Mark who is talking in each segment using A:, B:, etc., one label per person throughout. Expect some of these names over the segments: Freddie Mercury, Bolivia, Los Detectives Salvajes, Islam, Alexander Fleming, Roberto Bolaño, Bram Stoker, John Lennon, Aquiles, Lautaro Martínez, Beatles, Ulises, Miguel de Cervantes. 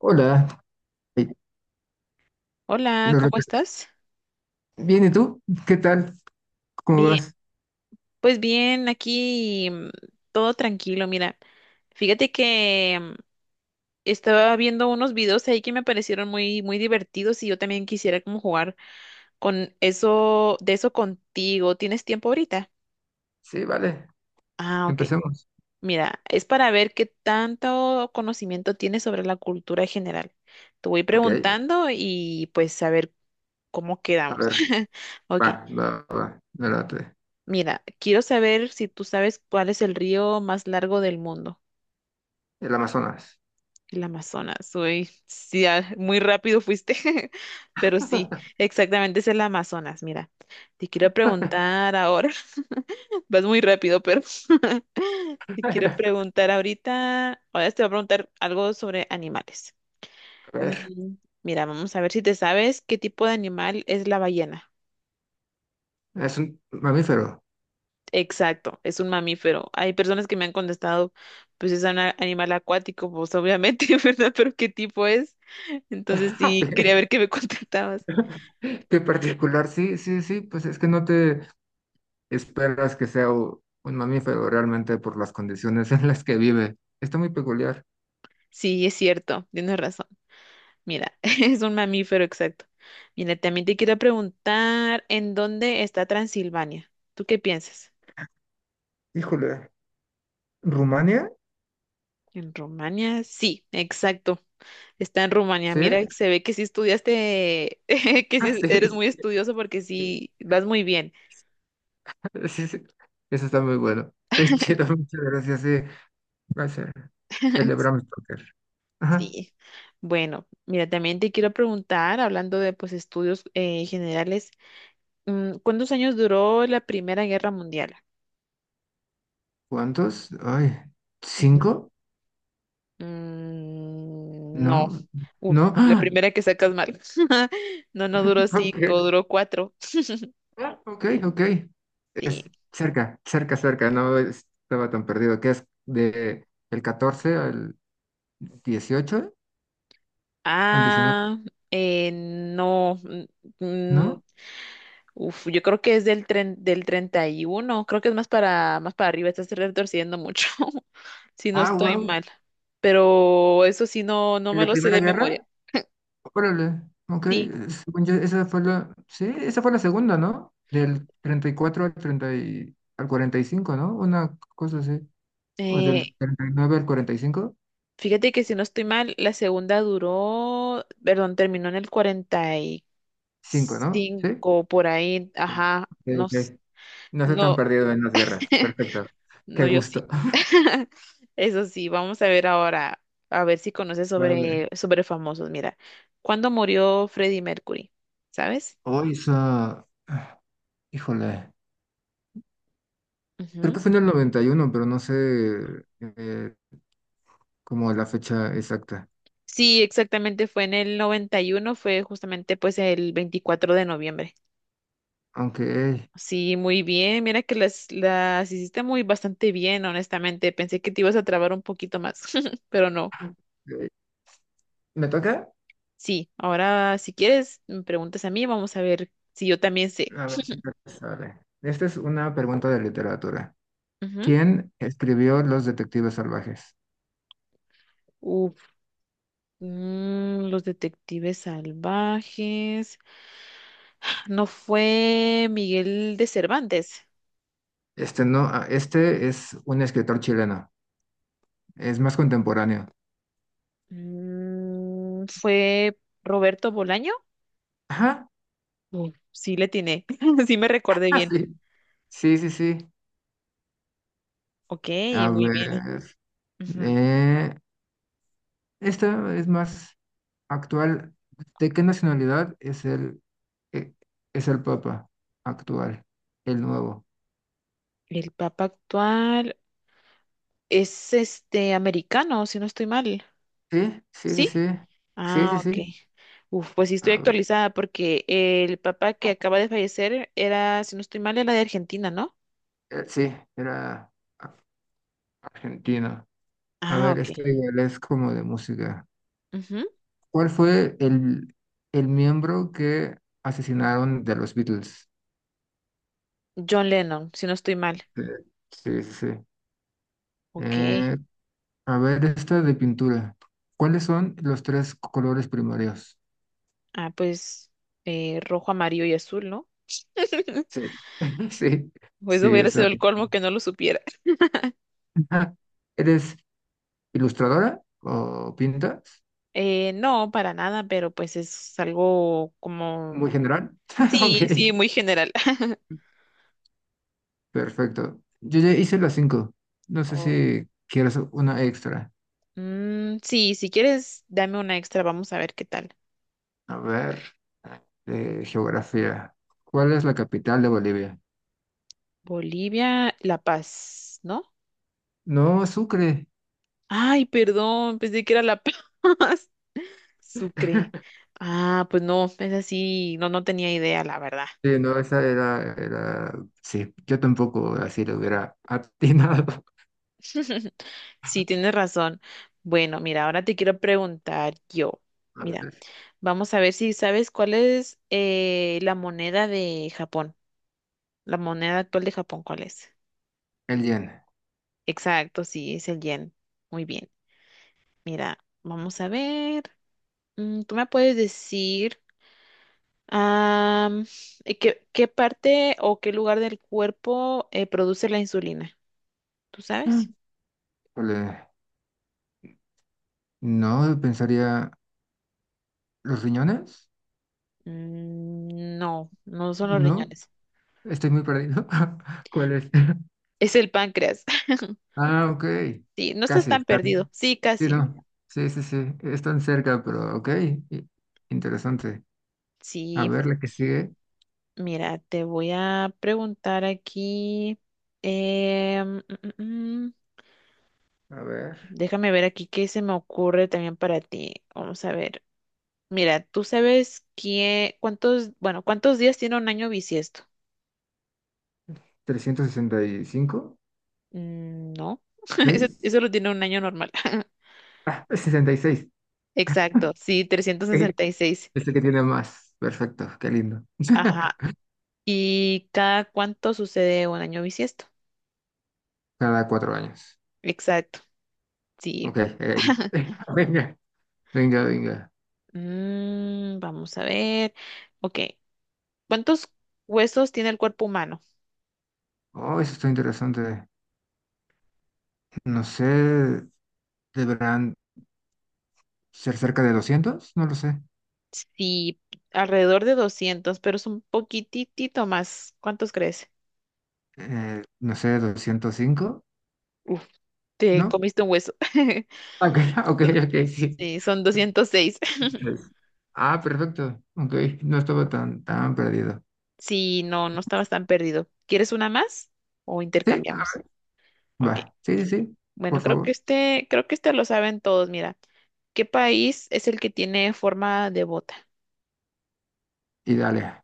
A: Hola, eh,
B: Hola,
A: no
B: ¿cómo
A: rec-
B: estás?
A: bien, ¿y tú? ¿Qué tal? ¿Cómo
B: Bien,
A: vas?
B: pues bien, aquí todo tranquilo. Mira, fíjate que estaba viendo unos videos ahí que me parecieron muy, muy divertidos y yo también quisiera como jugar con eso, de eso contigo. ¿Tienes tiempo ahorita?
A: Sí, vale,
B: Ah, ok.
A: empecemos.
B: Mira, es para ver qué tanto conocimiento tienes sobre la cultura en general. Te voy
A: Ok,
B: preguntando y pues a ver cómo
A: a
B: quedamos.
A: ver,
B: Ok.
A: va, va, va, me late.
B: Mira, quiero saber si tú sabes cuál es el río más largo del mundo,
A: El Amazonas.
B: el Amazonas. Uy, sí, ah, muy rápido fuiste, pero sí, exactamente es el Amazonas. Mira, te quiero preguntar ahora, vas muy rápido, pero te quiero
A: A
B: preguntar ahorita, ahora te voy a preguntar algo sobre animales.
A: ver,
B: Mm, Mira, vamos a ver si te sabes qué tipo de animal es la ballena.
A: es un mamífero.
B: Exacto, es un mamífero. Hay personas que me han contestado, pues es un animal acuático, pues obviamente, ¿verdad? Pero ¿qué tipo es? Entonces
A: Ok,
B: sí, quería ver qué me contestabas.
A: qué particular, sí, sí, sí, pues es que no te esperas que sea un mamífero realmente por las condiciones en las que vive. Está muy peculiar.
B: Sí, es cierto, tienes razón. Mira, es un mamífero, exacto. Mira, también te quiero preguntar, ¿en dónde está Transilvania? ¿Tú qué piensas?
A: Híjole, ¿Rumania?
B: ¿En Rumania? Sí, exacto. Está en Rumania.
A: Sí,
B: Mira, se ve que sí estudiaste, que
A: ah,
B: sí
A: sí.
B: eres muy estudioso porque sí, vas muy bien.
A: Sí, sí. Eso está muy bueno. Qué chido, muchas gracias. Sí, va a ser el de Bram Stoker. Ajá.
B: Sí. Bueno, mira, también te quiero preguntar, hablando de pues estudios generales, ¿cuántos años duró la Primera Guerra Mundial?
A: ¿Cuántos? Ay,
B: Ujú.
A: ¿cinco?
B: No.
A: No,
B: Uf,
A: no.
B: la
A: ¡Ah!
B: primera que sacas mal. No, no duró
A: Ok,
B: cinco, duró cuatro.
A: ah, ok, ok.
B: Sí.
A: Es cerca, cerca, cerca. No estaba tan perdido. ¿Qué es? De el 14 al 18. ¿Al 19?
B: Ah, no. Mm,
A: ¿No?
B: Uf, yo creo que es del 31. Creo que es más para arriba, estás retorciendo mucho, si no
A: Ah,
B: estoy
A: wow.
B: mal. Pero eso sí, no, no
A: ¿En
B: me
A: la
B: lo sé
A: Primera
B: de memoria.
A: Guerra? Órale, ok.
B: Sí,
A: Según yo, esa fue la, sí, esa fue la segunda, ¿no? Del 34 al al 45, ¿no? Una cosa así. O
B: eh,
A: del 39 al 45,
B: fíjate que si no estoy mal, la segunda duró, perdón, terminó en el cuarenta y
A: 5, ¿no? Sí.
B: cinco por ahí,
A: Sí.
B: ajá,
A: Ok,
B: no,
A: ok. No estoy tan
B: no.
A: perdido en las guerras. Perfecto.
B: No,
A: Qué
B: yo sí.
A: gusto.
B: Eso sí, vamos a ver ahora, a ver si conoces sobre,
A: Vale.
B: sobre famosos. Mira, ¿cuándo murió Freddie Mercury? ¿Sabes?
A: Hoy esa, ah, híjole, creo
B: Ujú.
A: que fue en el 91, pero no sé eh, como la fecha exacta.
B: Sí, exactamente, fue en el 91, fue justamente pues el 24 de noviembre.
A: Aunque,
B: Sí, muy bien, mira que las hiciste muy bastante bien, honestamente. Pensé que te ibas a trabar un poquito más, pero no.
A: eh, ¿me toca?
B: Sí, ahora si quieres, me preguntas a mí, vamos a ver si yo también sé.
A: A ver, ¿qué tal te sale? Esta es una pregunta de literatura. ¿Quién escribió Los Detectives Salvajes?
B: Ujú. Los detectives salvajes. No fue Miguel de Cervantes.
A: Este no, ah, este es un escritor chileno. Es más contemporáneo.
B: Fue Roberto Bolaño.
A: Ajá.
B: Uf, sí le tiene, sí me recordé
A: Ah,
B: bien.
A: sí. Sí, sí, sí.
B: Ok,
A: A
B: muy bien.
A: ver.
B: Ujú.
A: eh, Esta es más actual. ¿De qué nacionalidad es eh, el Papa actual? El nuevo.
B: El Papa actual es este americano, si no estoy mal.
A: Sí, sí, sí,
B: ¿Sí?
A: sí. Sí, sí,
B: Ah, ok.
A: sí.
B: Uf, pues sí estoy
A: A ver,
B: actualizada porque el Papa que acaba de fallecer era, si no estoy mal, era de Argentina, ¿no?
A: sí, era a- argentino. A
B: Ah,
A: ver,
B: ok.
A: esta igual es como de música.
B: Ujú.
A: ¿Cuál fue el miembro que asesinaron de los Beatles?
B: John Lennon, si no estoy mal.
A: Eh, Sí, sí, sí.
B: Ok.
A: Eh, a ver, esta de pintura. ¿Cuáles son los tres colores primarios?
B: Ah, pues rojo, amarillo y azul, ¿no?
A: Sí, sí,
B: Pues
A: sí,
B: hubiera
A: esa.
B: sido el colmo que no lo supiera.
A: ¿Eres ilustradora o pintas?
B: No, para nada, pero pues es algo como...
A: Muy general. Ok,
B: Sí, sí, muy general.
A: perfecto. Yo ya hice las cinco. No sé
B: Oh,
A: si quieres una extra.
B: sí, si quieres, dame una extra, vamos a ver qué tal.
A: A ver, de geografía. ¿Cuál es la capital de Bolivia?
B: Bolivia, La Paz, ¿no?
A: No, Sucre.
B: Ay, perdón, pensé que era La Paz. Sucre. Ah, pues no, es así, no, no tenía idea, la verdad.
A: Sí, no, esa era... Sí, yo tampoco así lo hubiera atinado.
B: Sí, tienes razón. Bueno, mira, ahora te quiero preguntar yo.
A: A
B: Mira,
A: ver,
B: vamos a ver si sabes cuál es la moneda de Japón. La moneda actual de Japón, ¿cuál es?
A: el yen.
B: Exacto, sí, es el yen. Muy bien. Mira, vamos a ver. ¿Tú me puedes decir am, qué parte o qué lugar del cuerpo produce la insulina? ¿Tú sabes?
A: Mm. Híjole, no, pensaría. ¿Los riñones?
B: No, no son los
A: No,
B: riñones.
A: estoy muy perdido. ¿Cuál es?
B: Es el páncreas.
A: Ah, ok.
B: Sí, no estás
A: Casi.
B: tan perdido. Sí,
A: Sí,
B: casi.
A: no. Sí, sí, sí. Están cerca, pero ok. i- Interesante. A
B: Sí,
A: ver, la que sigue.
B: mira, te voy a preguntar aquí. em, mm, mm, mm,
A: A ver.
B: Déjame ver aquí qué se me ocurre también para ti. Vamos a ver. Mira, ¿tú sabes bueno, cuántos días tiene un año bisiesto?
A: 365.
B: No, eso,
A: Seis.
B: eso lo tiene un año normal.
A: Ah, es 66.
B: Exacto, sí, trescientos sesenta y seis.
A: Este que tiene más. Perfecto, qué lindo.
B: Ajá. ¿Y cada cuánto sucede un año bisiesto?
A: Cada 4 años.
B: Exacto, sí.
A: Ok, venga, venga, venga.
B: Vamos a ver. Ok. ¿Cuántos huesos tiene el cuerpo humano?
A: Oh, eso está interesante. No sé, deberán ser cerca de 200, no lo sé.
B: Sí, alrededor de 200, pero es un poquitito más. ¿Cuántos crees?
A: No sé, 205,
B: Uf, te
A: ¿no?
B: comiste un hueso.
A: Ok, ok, ok, sí.
B: Sí, son 206.
A: Seis. Ah, perfecto. Ok, no estaba tan, tan perdido.
B: Sí, no, no estabas tan perdido. ¿Quieres una más o
A: Sí,
B: intercambiamos?
A: ah,
B: Ok.
A: va. Sí, sí, sí, por
B: Bueno, creo que
A: favor.
B: este, creo que este lo saben todos. Mira, ¿qué país es el que tiene forma de bota?
A: Y dale.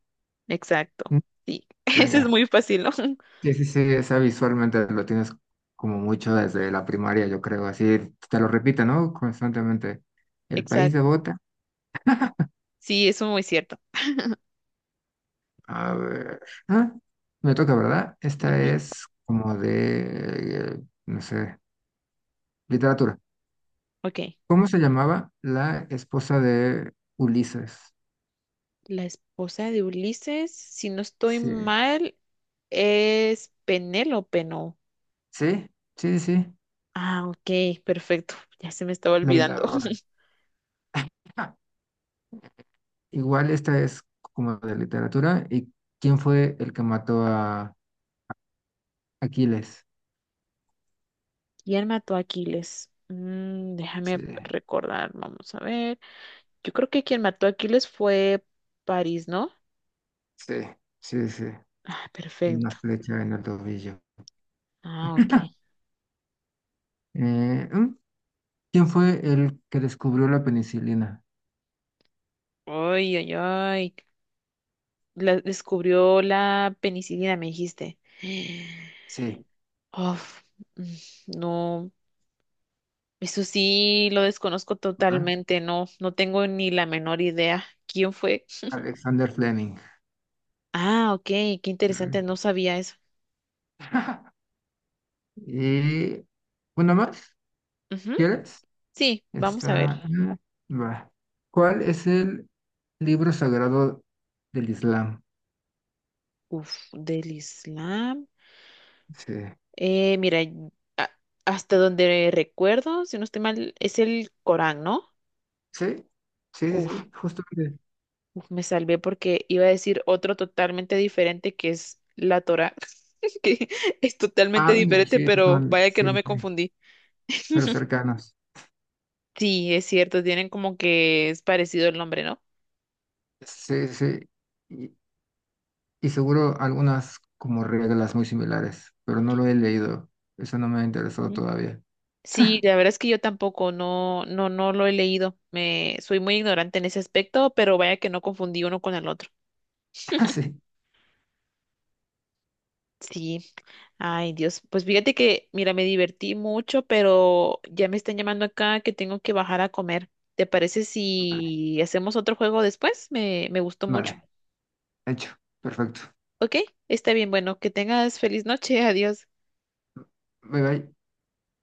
B: Exacto. Sí, ese es
A: Venga,
B: muy fácil, ¿no?
A: sí, sí, sí, esa visualmente lo tienes como mucho desde la primaria, yo creo, así te lo repite, ¿no? Constantemente. El país de
B: Exacto.
A: Bota,
B: Sí, eso es muy cierto.
A: a ver, ah, me toca, ¿verdad? Esta
B: Ujú.
A: es como de, no sé, literatura.
B: Ok.
A: ¿Cómo se llamaba la esposa de Ulises?
B: La esposa de Ulises, si no estoy
A: Sí,
B: mal, es Penélope, ¿no?
A: sí, sí, sí,
B: Ah, ok, perfecto. Ya se me estaba
A: la
B: olvidando.
A: hiladora. Ah, igual esta es como de literatura. ¿Y quién fue el que mató a Aquiles?
B: ¿Quién mató a Aquiles? Mm,
A: Sí.
B: déjame recordar, vamos a ver. Yo creo que quien mató a Aquiles fue París, ¿no?
A: Sí, sí, sí,
B: Ah,
A: con una
B: perfecto.
A: flecha en el tobillo.
B: Ah, ok.
A: Eh, ¿mm? ¿Quién fue el que descubrió la penicilina?
B: Ay, ay, ay. Descubrió la penicilina, me dijiste.
A: Sí.
B: Uf, no. Eso sí, lo desconozco
A: ¿Ah?
B: totalmente, no, no tengo ni la menor idea. ¿Quién fue?
A: Alexander Fleming.
B: Ah, ok, qué
A: Sí.
B: interesante, no sabía eso.
A: Y una más,
B: Ujú.
A: ¿quieres?
B: Sí, vamos a ver.
A: Está. Va. ¿Cuál es el libro sagrado del Islam?
B: Uf, del Islam.
A: Sí.
B: Mira, a- hasta donde recuerdo, si no estoy mal, es el Corán, ¿no?
A: Sí, sí, sí,
B: Uf,
A: sí, justamente.
B: uf, me salvé porque iba a decir otro totalmente diferente que es la Torá, que es totalmente
A: Ah, venga,
B: diferente,
A: sí, sí,
B: pero
A: son,
B: vaya que
A: sí,
B: no
A: sí,
B: me
A: sí,
B: confundí.
A: pero cercanos.
B: Sí, es cierto, tienen como que es parecido el nombre, ¿no?
A: Sí, sí. Y, Y seguro algunas como reglas muy similares, pero no lo he leído. Eso no me ha interesado
B: Ujú.
A: todavía.
B: Sí, la verdad es que yo tampoco, no, no, no lo he leído. Soy muy ignorante en ese aspecto, pero vaya que no confundí uno con el otro.
A: Ah, sí.
B: Sí, ay Dios, pues fíjate que, mira, me divertí mucho, pero ya me están llamando acá que tengo que bajar a comer. ¿Te parece
A: Vale,
B: si hacemos otro juego después? Me gustó mucho.
A: vale. Hecho. Perfecto.
B: Ok, está bien, bueno, que tengas feliz noche, adiós.
A: Bye bye.